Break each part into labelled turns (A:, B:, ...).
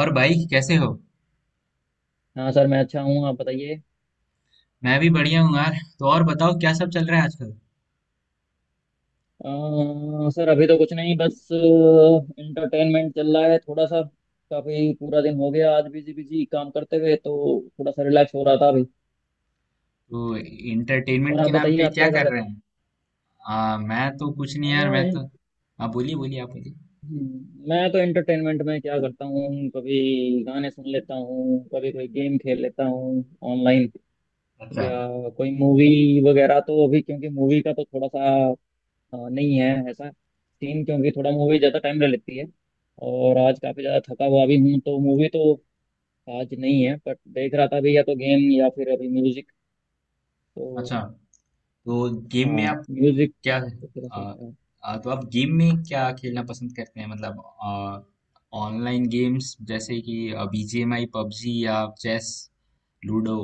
A: और भाई कैसे हो।
B: हाँ सर मैं अच्छा हूँ, आप बताइए।
A: मैं भी बढ़िया हूँ यार। तो और बताओ क्या सब चल रहा है आजकल।
B: सर अभी तो कुछ नहीं, बस इंटरटेनमेंट चल रहा है थोड़ा सा। काफी पूरा दिन हो गया आज बिजी बिजी काम करते हुए, तो थोड़ा सा रिलैक्स हो रहा था अभी।
A: तो इंटरटेनमेंट
B: और
A: के
B: आप
A: नाम
B: बताइए,
A: पे
B: आप
A: क्या
B: क्या कर
A: कर रहे
B: रहे थे?
A: हैं। मैं तो कुछ नहीं
B: अ,
A: यार मैं तो।
B: इन-
A: आप बोलिए बोलिए आप बोलिए।
B: मैं तो एंटरटेनमेंट में क्या करता हूँ, कभी गाने सुन लेता हूँ, कभी कोई गेम खेल लेता हूँ ऑनलाइन,
A: अच्छा।
B: या कोई मूवी वगैरह। तो अभी क्योंकि मूवी का तो थोड़ा सा नहीं है ऐसा सीन, क्योंकि थोड़ा मूवी ज़्यादा टाइम ले लेती है, और आज काफ़ी ज़्यादा थका हुआ भी हूँ, तो मूवी तो आज नहीं है। बट देख रहा था अभी, या तो गेम या फिर अभी म्यूजिक,
A: अच्छा।
B: तो।
A: तो गेम
B: हाँ
A: में आप
B: म्यूजिक
A: क्या।
B: तो थोड़ा
A: आ,
B: सा है।
A: आ, तो आप गेम में क्या खेलना पसंद करते हैं मतलब, ऑनलाइन गेम्स जैसे कि बीजीएमआई पबजी या चेस लूडो।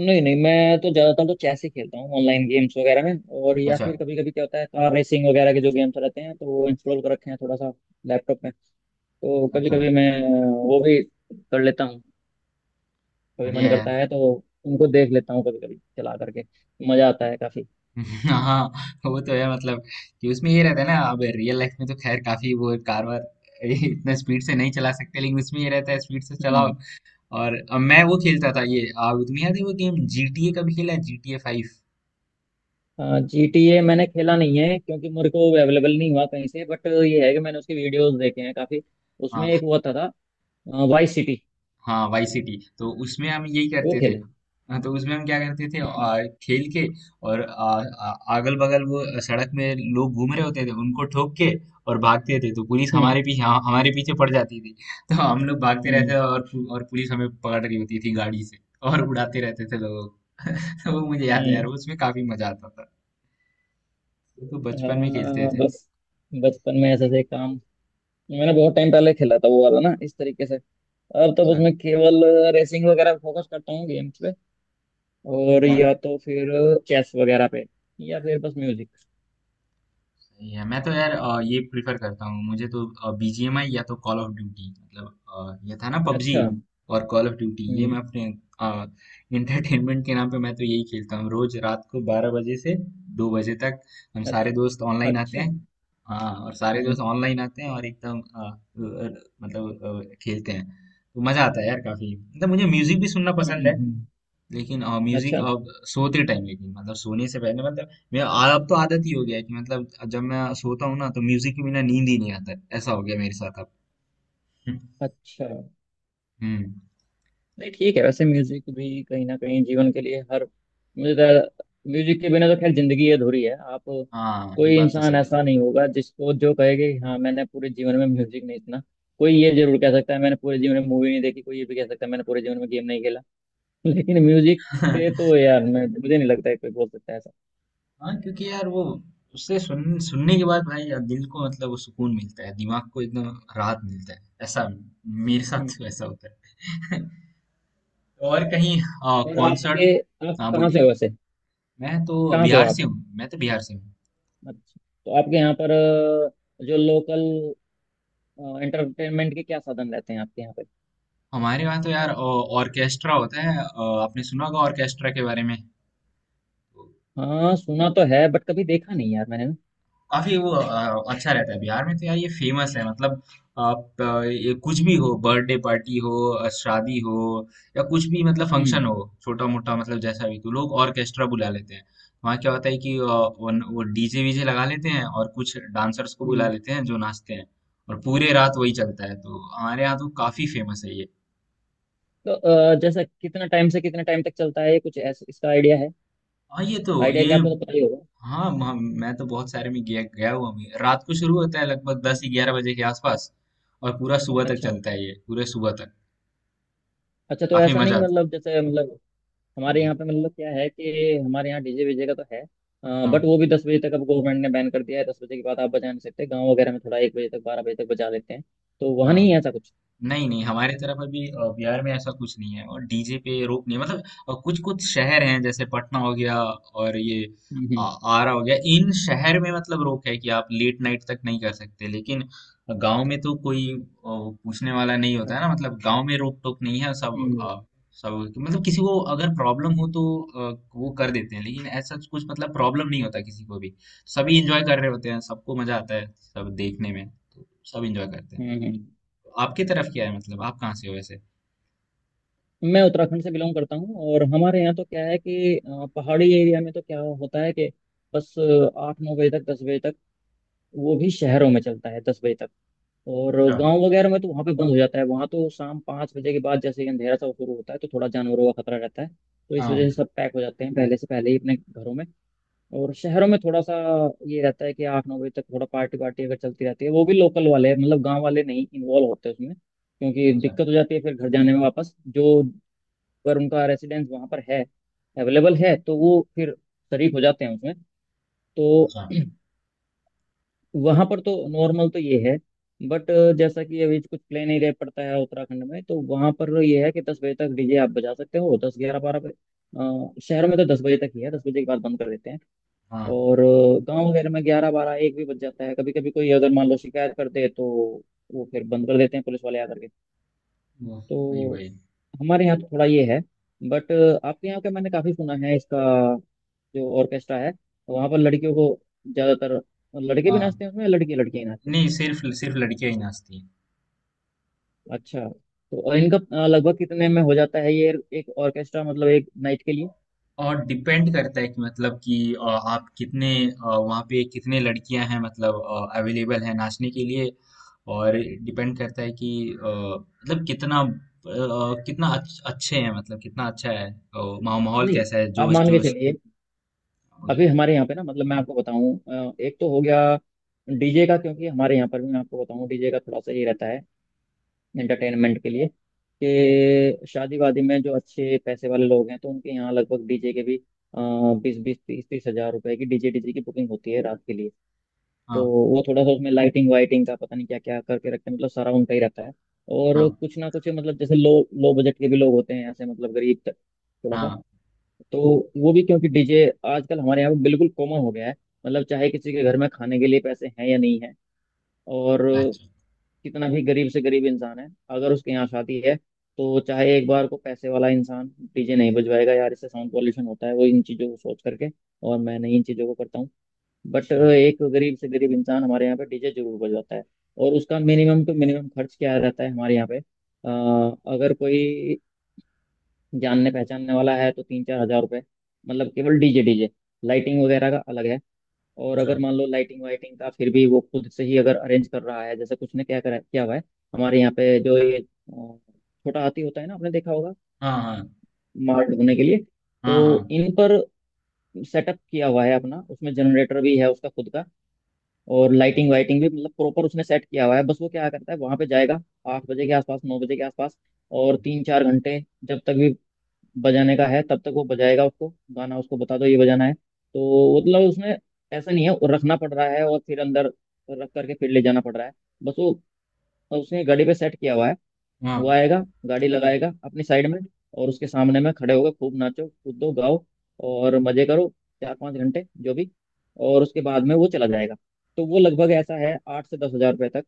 B: नहीं नहीं, मैं तो ज़्यादातर तो चेस ही खेलता हूँ ऑनलाइन गेम्स वगैरह में। और या
A: अच्छा।
B: फिर कभी कभी क्या होता है, कार रेसिंग वगैरह के जो गेम्स रहते हैं तो वो इंस्टॉल कर रखे हैं थोड़ा सा लैपटॉप में। तो कभी
A: अच्छा।
B: कभी मैं वो भी कर लेता हूँ, कभी मन
A: बढ़िया
B: करता
A: यार।
B: है तो। उनको देख लेता हूँ कभी कभी चला करके, मज़ा आता है काफ़ी।
A: हाँ। वो तो है मतलब कि उसमें ये रहता है ना। अब रियल लाइफ में तो खैर काफी वो कार वार इतना स्पीड से नहीं चला सकते लेकिन उसमें ये रहता है स्पीड से चलाओ।
B: हम्म।
A: और अब मैं वो खेलता था ये तुम्हें याद है वो गेम GTA का भी खेला है GTA 5।
B: जीटीए मैंने खेला नहीं है, क्योंकि मेरे को अवेलेबल नहीं हुआ कहीं से, बट ये है कि मैंने उसके वीडियोस देखे हैं काफी। उसमें एक वो था वाइस सिटी,
A: हाँ वाई सिटी। तो उसमें हम यही
B: वो
A: करते थे।
B: खेला है।
A: हाँ, तो उसमें हम क्या करते थे
B: हम्म।
A: खेल के और अगल बगल वो सड़क में लोग घूम रहे होते थे उनको ठोक के और भागते थे तो पुलिस हमारे पीछे, हाँ, हमारे पीछे पड़ जाती थी। तो हम लोग भागते रहते थे
B: हम्म।
A: और पुलिस हमें पकड़ रही होती थी गाड़ी से और उड़ाते रहते थे लोगों को तो वो मुझे याद है यार
B: हम्म।
A: उसमें काफी मजा आता था। तो बचपन में
B: हम्म।
A: खेलते
B: हाँ
A: थे।
B: बस, बचपन में ऐसे से काम। मैंने बहुत टाइम पहले खेला था वो वाला ना इस तरीके से। अब तो
A: अच्छा।
B: उसमें केवल रेसिंग वगैरह फोकस करता हूँ गेम्स पे, और या तो फिर चेस वगैरह पे, या फिर बस म्यूजिक।
A: सही है। मैं तो यार ये प्रिफर करता हूँ मुझे तो बीजीएमआई या तो कॉल ऑफ ड्यूटी मतलब ये था ना पबजी
B: अच्छा।
A: और कॉल ऑफ ड्यूटी। ये मैं
B: हम्म।
A: अपने इंटरटेनमेंट के नाम पे मैं तो यही खेलता हूँ रोज रात को 12 बजे से 2 बजे तक। हम
B: अ-
A: सारे दोस्त ऑनलाइन आते
B: अच्छा।
A: हैं।
B: हम्म।
A: हाँ और सारे दोस्त
B: हम्म।
A: ऑनलाइन आते हैं और एकदम मतलब, मतलब खेलते हैं। तो मजा आता है यार काफी मतलब। मुझे म्यूजिक भी सुनना
B: हम्म,
A: पसंद है
B: हम्म,
A: लेकिन म्यूजिक
B: अच्छा।
A: अब सोते टाइम। लेकिन मतलब सोने से पहले मतलब मैं अब तो आदत ही हो गया है कि मतलब जब मैं सोता हूँ ना तो म्यूजिक के बिना नींद ही नहीं आता है। ऐसा हो गया मेरे साथ अब।
B: अच्छा।
A: हम्म।
B: नहीं ठीक है, वैसे म्यूजिक भी कहीं ना कहीं जीवन के लिए हर। मुझे तो म्यूजिक के बिना तो खैर जिंदगी अधूरी है, आप।
A: हाँ ये
B: कोई
A: बात तो
B: इंसान
A: सही
B: ऐसा नहीं होगा जिसको, जो कहेगा कि हाँ मैंने पूरे जीवन में म्यूजिक नहीं सुना। कोई ये जरूर कह सकता है मैंने पूरे जीवन में मूवी नहीं देखी, कोई ये भी कह सकता है मैंने पूरे जीवन में गेम नहीं खेला। लेकिन म्यूजिक
A: है।
B: से तो यार, मैं, मुझे नहीं लगता है कोई बोल सकता है ऐसा।
A: हाँ क्योंकि यार वो उससे सुनने के बाद भाई यार दिल को मतलब वो सुकून मिलता है दिमाग को एकदम राहत मिलता है ऐसा मेरे साथ
B: हम्म।
A: तो ऐसा होता है और कहीं
B: और
A: कॉन्सर्ट।
B: आपके, आप
A: हाँ
B: कहाँ से
A: बोलिए।
B: हो वैसे?
A: मैं तो
B: कहाँ से हो
A: बिहार से
B: आप?
A: हूँ। मैं तो बिहार से हूँ।
B: अच्छा, तो आपके यहाँ पर जो लोकल एंटरटेनमेंट के क्या साधन रहते हैं आपके यहाँ पे?
A: हमारे वहाँ तो यार ऑर्केस्ट्रा होता है। आपने सुना होगा ऑर्केस्ट्रा के बारे में।
B: हाँ सुना तो है बट कभी देखा नहीं यार मैंने ना।
A: काफी वो अच्छा रहता है। बिहार में तो यार ये फेमस है मतलब। आप ये कुछ भी हो, बर्थडे पार्टी हो, शादी हो, या कुछ भी मतलब
B: हम्म।
A: फंक्शन हो, छोटा मोटा मतलब जैसा भी, तो लोग ऑर्केस्ट्रा बुला लेते हैं। वहाँ क्या होता है कि वो डीजे वीजे लगा लेते हैं और कुछ डांसर्स को बुला
B: हम्म।
A: लेते हैं जो नाचते हैं और पूरे रात वही चलता है। तो हमारे यहाँ तो काफी फेमस है ये।
B: तो जैसा कितना टाइम से कितना टाइम तक चलता है ये, कुछ ऐसा इसका आइडिया है?
A: हाँ ये तो
B: आइडिया क्या,
A: ये।
B: आपको तो पता ही होगा।
A: हाँ मैं तो बहुत सारे में गया गया हुआ हूँ। रात को शुरू होता है लगभग दस
B: हम्म,
A: ग्यारह बजे के आसपास और पूरा सुबह तक
B: अच्छा।
A: चलता है ये पूरे सुबह तक।
B: अच्छा, तो
A: काफी
B: ऐसा
A: मजा
B: नहीं
A: आता
B: मतलब, जैसे मतलब हमारे
A: है।
B: यहाँ पे मतलब क्या है कि हमारे यहाँ डीजे वीजे का तो है, बट
A: हाँ।
B: वो भी 10 बजे तक। अब गवर्नमेंट ने बैन कर दिया है, 10 बजे के बाद आप बजा नहीं सकते। गाँव वगैरह में थोड़ा 1 बजे तक 12 बजे तक बजा लेते हैं, तो वहाँ नहीं
A: हाँ,
B: है ऐसा कुछ।
A: नहीं, नहीं हमारे तरफ अभी बिहार में ऐसा कुछ नहीं है और डीजे पे रोक नहीं है मतलब। कुछ कुछ शहर हैं जैसे पटना हो गया और ये
B: हम्म।
A: आरा हो गया। इन शहर में मतलब रोक है कि आप लेट नाइट तक नहीं कर सकते लेकिन गांव में तो कोई पूछने वाला नहीं
B: हम्म।
A: होता है ना। मतलब गांव में रोक टोक नहीं है। सब
B: हम्म।
A: सब मतलब किसी को अगर प्रॉब्लम हो तो अ, वो कर देते हैं लेकिन ऐसा कुछ मतलब प्रॉब्लम नहीं होता किसी को भी। सभी एंजॉय कर रहे होते हैं सबको मजा आता है। सब देखने में तो सब एंजॉय करते हैं।
B: हम्म। हम्म।
A: आपकी तरफ क्या है मतलब आप कहाँ से हो वैसे?
B: मैं उत्तराखंड से बिलोंग करता हूँ, और हमारे यहाँ तो क्या है कि पहाड़ी एरिया में तो क्या होता है कि बस 8-9 बजे तक, 10 बजे तक। वो भी शहरों में चलता है 10 बजे तक, और
A: अच्छा।
B: गांव वगैरह में तो वहाँ पे बंद हो जाता है। वहाँ तो शाम 5 बजे के बाद जैसे ही अंधेरा सा शुरू होता है, तो थोड़ा जानवरों का खतरा रहता है, तो इस वजह
A: हाँ।
B: से सब पैक हो जाते हैं पहले से पहले ही अपने घरों में। और शहरों में थोड़ा सा ये रहता है कि 8-9 बजे तक थोड़ा पार्टी वार्टी अगर चलती रहती है, वो भी लोकल वाले, मतलब गांव वाले नहीं इन्वॉल्व होते उसमें, क्योंकि
A: अच्छा।
B: दिक्कत हो जाती है फिर घर जाने में वापस। जो अगर उनका रेसिडेंस वहाँ पर है, अवेलेबल है, तो वो फिर शरीक हो जाते हैं उसमें। तो
A: अच्छा।
B: वहाँ पर तो नॉर्मल तो ये है, बट जैसा कि अभी कुछ प्लेन एरिया पड़ता है उत्तराखंड में, तो वहाँ पर ये है कि 10 बजे तक डीजे आप बजा सकते हो, 10-11-12 बजे शहरों में। तो 10 बजे तक ही है, 10 बजे के बाद बंद कर देते हैं।
A: हाँ।
B: और गांव वगैरह में 11-12-1 भी बज जाता है, कभी कभी कोई अगर मान लो शिकायत कर दे, तो वो फिर बंद कर देते हैं पुलिस वाले आकर के।
A: वो वही
B: तो
A: वही।
B: हमारे यहाँ तो थोड़ा ये है, बट आपके यहाँ का मैंने काफी सुना है इसका, जो ऑर्केस्ट्रा है, वहाँ पर लड़कियों को ज़्यादातर, लड़के भी
A: हाँ,
B: नाचते हैं उसमें, लड़के लड़कियाँ ही नाचते हैं?
A: नहीं सिर्फ सिर्फ लड़कियां ही नाचती हैं।
B: अच्छा, तो और
A: हाँ,
B: इनका लगभग कितने में हो जाता है ये, एक ऑर्केस्ट्रा मतलब, एक नाइट के लिए?
A: और डिपेंड करता है कि मतलब कि अ, आप कितने वहाँ पे कितने लड़कियां हैं मतलब अवेलेबल हैं नाचने के लिए। और डिपेंड करता है कि मतलब कितना कितना अच्छे हैं मतलब कितना अच्छा है माहौल, माहौल
B: नहीं,
A: कैसा है,
B: आप
A: जोश
B: मान के
A: जोश।
B: चलिए। अभी
A: बोलिए।
B: हमारे यहाँ पे ना, मतलब मैं आपको बताऊं, एक तो हो गया डीजे का, क्योंकि हमारे यहाँ पर भी मैं आपको बताऊं, डीजे का थोड़ा सा ये रहता है एंटरटेनमेंट के लिए, कि शादी वादी में जो अच्छे पैसे वाले लोग हैं, तो उनके यहाँ लगभग डीजे के भी 20-20, 30-30 हज़ार रुपए की डीजे डीजे की बुकिंग होती है रात के लिए। तो
A: हाँ।
B: वो थोड़ा सा उसमें लाइटिंग वाइटिंग का पता नहीं क्या क्या करके रखते हैं, मतलब सारा उनका ही रहता है। और
A: हाँ।
B: कुछ ना कुछ मतलब, जैसे लो लो बजट के भी लोग होते हैं ऐसे, मतलब गरीब थोड़ा सा,
A: हाँ।
B: तो वो भी। क्योंकि डीजे आजकल हमारे यहाँ पे बिल्कुल कॉमन हो गया है, मतलब चाहे किसी के घर में खाने के लिए पैसे हैं या नहीं है, और
A: अच्छा।
B: कितना भी गरीब से गरीब इंसान है, अगर उसके यहाँ शादी है तो, चाहे एक बार को पैसे वाला इंसान डीजे नहीं बजवाएगा यार, इससे साउंड पॉल्यूशन होता है वो, इन चीज़ों को सोच करके, और मैं नहीं इन चीज़ों को करता हूँ, बट
A: अच्छा।
B: एक गरीब से गरीब इंसान हमारे यहाँ पे डीजे जरूर बजवाता है। और उसका मिनिमम टू मिनिमम खर्च क्या रहता है हमारे यहाँ पे, अगर कोई जानने पहचानने वाला है तो 3-4 हज़ार रुपये, मतलब केवल डीजे डीजे। लाइटिंग वगैरह का अलग है। और
A: अच्छा।
B: अगर मान लो लाइटिंग वाइटिंग का फिर भी वो खुद से ही अगर अरेंज कर रहा है, जैसे कुछ ने क्या करा क्या हुआ है, हमारे यहाँ पे जो ये छोटा हाथी होता है ना, आपने देखा होगा,
A: हाँ। हाँ।
B: माल ढोने के लिए।
A: हाँ,
B: तो
A: हाँ,
B: इन पर सेटअप किया हुआ है अपना, उसमें जनरेटर भी है उसका खुद का, और
A: हाँ,
B: लाइटिंग वाइटिंग भी, मतलब प्रॉपर उसने सेट किया हुआ है। बस वो क्या करता है, वहां पे जाएगा 8 बजे के आसपास, 9 बजे के आसपास, और 3-4 घंटे जब तक भी बजाने का है, तब तक वो बजाएगा उसको। गाना उसको बता दो ये बजाना है, तो मतलब उसने, ऐसा नहीं है वो रखना पड़ रहा है और फिर अंदर रख करके फिर ले जाना पड़ रहा है, बस वो, उसने गाड़ी पे सेट किया हुआ है।
A: हाँ,
B: वो आएगा, गाड़ी लगाएगा अपनी साइड में, और उसके सामने में खड़े होकर खूब नाचो कूदो गाओ और मजे करो 4-5 घंटे जो भी, और उसके बाद में वो चला जाएगा। तो वो लगभग ऐसा है, 8 से 10 हज़ार रुपये तक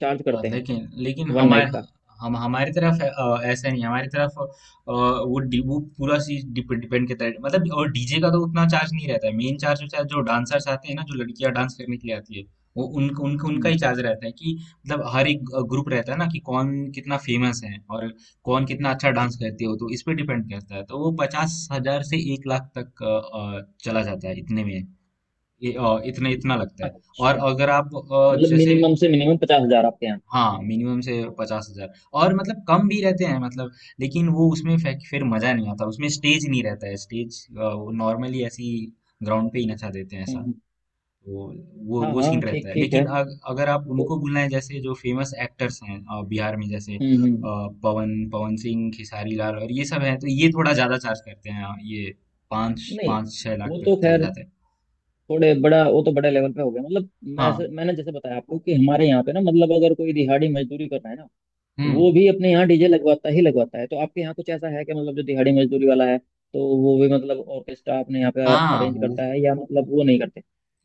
B: चार्ज
A: हाँ,
B: करते हैं
A: लेकिन लेकिन
B: वन नाइट
A: हमारे
B: का।
A: हम हमारी तरफ ऐसा नहीं है। हमारी तरफ वो पूरा चीज डिपेंड करता है मतलब और डीजे का तो उतना चार्ज नहीं रहता है। मेन चार्ज होता है जो डांसर्स आते हैं ना, जो लड़कियां डांस करने के लिए आती है। वो उन, उन, उनका
B: हम्म।
A: ही चार्ज रहता है कि मतलब हर एक ग्रुप रहता है ना कि कौन कितना फेमस है और कौन कितना अच्छा डांस करते हो। तो इस पे डिपेंड करता है। तो वो 50,000 से 1 लाख तक चला जाता है इतने में। इतने इतना लगता है। और
B: अच्छा,
A: अगर आप
B: मतलब
A: जैसे।
B: मिनिमम से मिनिमम 50 हज़ार आपके यहाँ?
A: हाँ मिनिमम से 50,000। और मतलब कम भी रहते हैं मतलब। लेकिन वो उसमें फिर मजा नहीं आता। उसमें स्टेज नहीं रहता है। स्टेज वो नॉर्मली ऐसी ग्राउंड पे ही नचा देते हैं
B: हम्म।
A: ऐसा।
B: हम्म।
A: तो वो
B: हाँ
A: वो सीन
B: हाँ ठीक
A: रहता है
B: ठीक
A: लेकिन
B: है,
A: अगर आप
B: तो।
A: उनको बुलाएं जैसे जो फेमस एक्टर्स हैं, बिहार में जैसे
B: हम्म। हम्म।
A: पवन पवन सिंह, खेसारी लाल और ये सब हैं, तो ये थोड़ा ज्यादा चार्ज करते हैं। ये पाँच
B: नहीं,
A: पाँच छह लाख
B: वो
A: तक
B: तो
A: चले
B: खैर
A: जाते हैं।
B: थोड़े बड़ा, वो तो बड़ा लेवल पे हो गया मतलब।
A: हाँ।
B: मैंने जैसे बताया आपको कि हमारे यहाँ पे ना, मतलब अगर कोई दिहाड़ी मजदूरी कर रहा है ना,
A: हम्म।
B: वो भी अपने यहाँ डीजे लगवाता ही लगवाता है, तो आपके यहाँ कुछ ऐसा है कि मतलब जो दिहाड़ी मजदूरी वाला है तो वो भी मतलब ऑर्केस्ट्रा अपने यहाँ पे
A: हाँ
B: अरेंज
A: वो
B: करता है, या मतलब वो नहीं करते?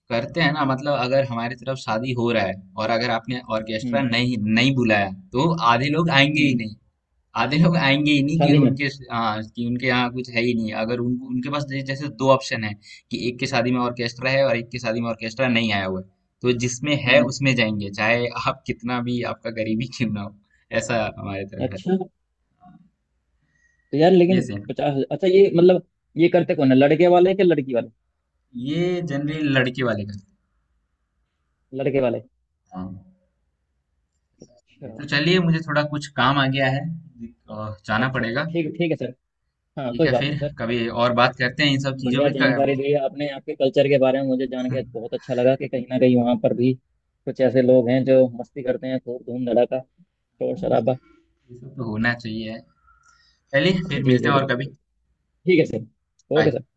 A: करते हैं ना मतलब। अगर हमारी तरफ शादी हो रहा है और अगर आपने ऑर्केस्ट्रा
B: हम्म।
A: नहीं नहीं बुलाया, तो आधे लोग आएंगे ही
B: हम्म।
A: नहीं। आधे लोग आएंगे ही नहीं कि
B: शादी में।
A: उनके। हाँ, कि उनके यहाँ कुछ है ही नहीं। अगर उनके पास जैसे दो ऑप्शन है कि एक की शादी में ऑर्केस्ट्रा है और एक की शादी में ऑर्केस्ट्रा नहीं आया हुआ है, तो जिसमें है
B: हम्म।
A: उसमें जाएंगे चाहे आप कितना भी आपका गरीबी क्यों ना हो। ऐसा हमारे तरफ है।
B: अच्छा, तो यार
A: ये
B: लेकिन
A: सेम।
B: पचास, अच्छा ये मतलब, ये करते कौन है, लड़के वाले के लड़की वाले?
A: ये जनरली लड़के वाले करते
B: लड़के वाले।
A: हैं।
B: अच्छा।
A: हाँ। तो चलिए मुझे थोड़ा कुछ काम आ गया है, जाना
B: अच्छा अच्छा
A: पड़ेगा।
B: ठीक ठीक है सर, हाँ
A: ठीक
B: कोई
A: है
B: बात
A: फिर
B: नहीं सर।
A: कभी और बात करते हैं इन सब चीजों
B: बढ़िया
A: पे
B: जानकारी दी आपने आपके कल्चर के बारे में, मुझे जान के बहुत अच्छा लगा कि कहीं ना कहीं वहाँ पर भी कुछ ऐसे लोग हैं जो मस्ती करते हैं, खूब धूम धड़ाका शोर
A: ये
B: शराबा।
A: सब तो होना चाहिए। पहले
B: जी
A: फिर मिलते
B: जी
A: हैं और
B: बिल्कुल
A: कभी।
B: बिल्कुल। ठीक है सर। Okay
A: bye.
B: सर।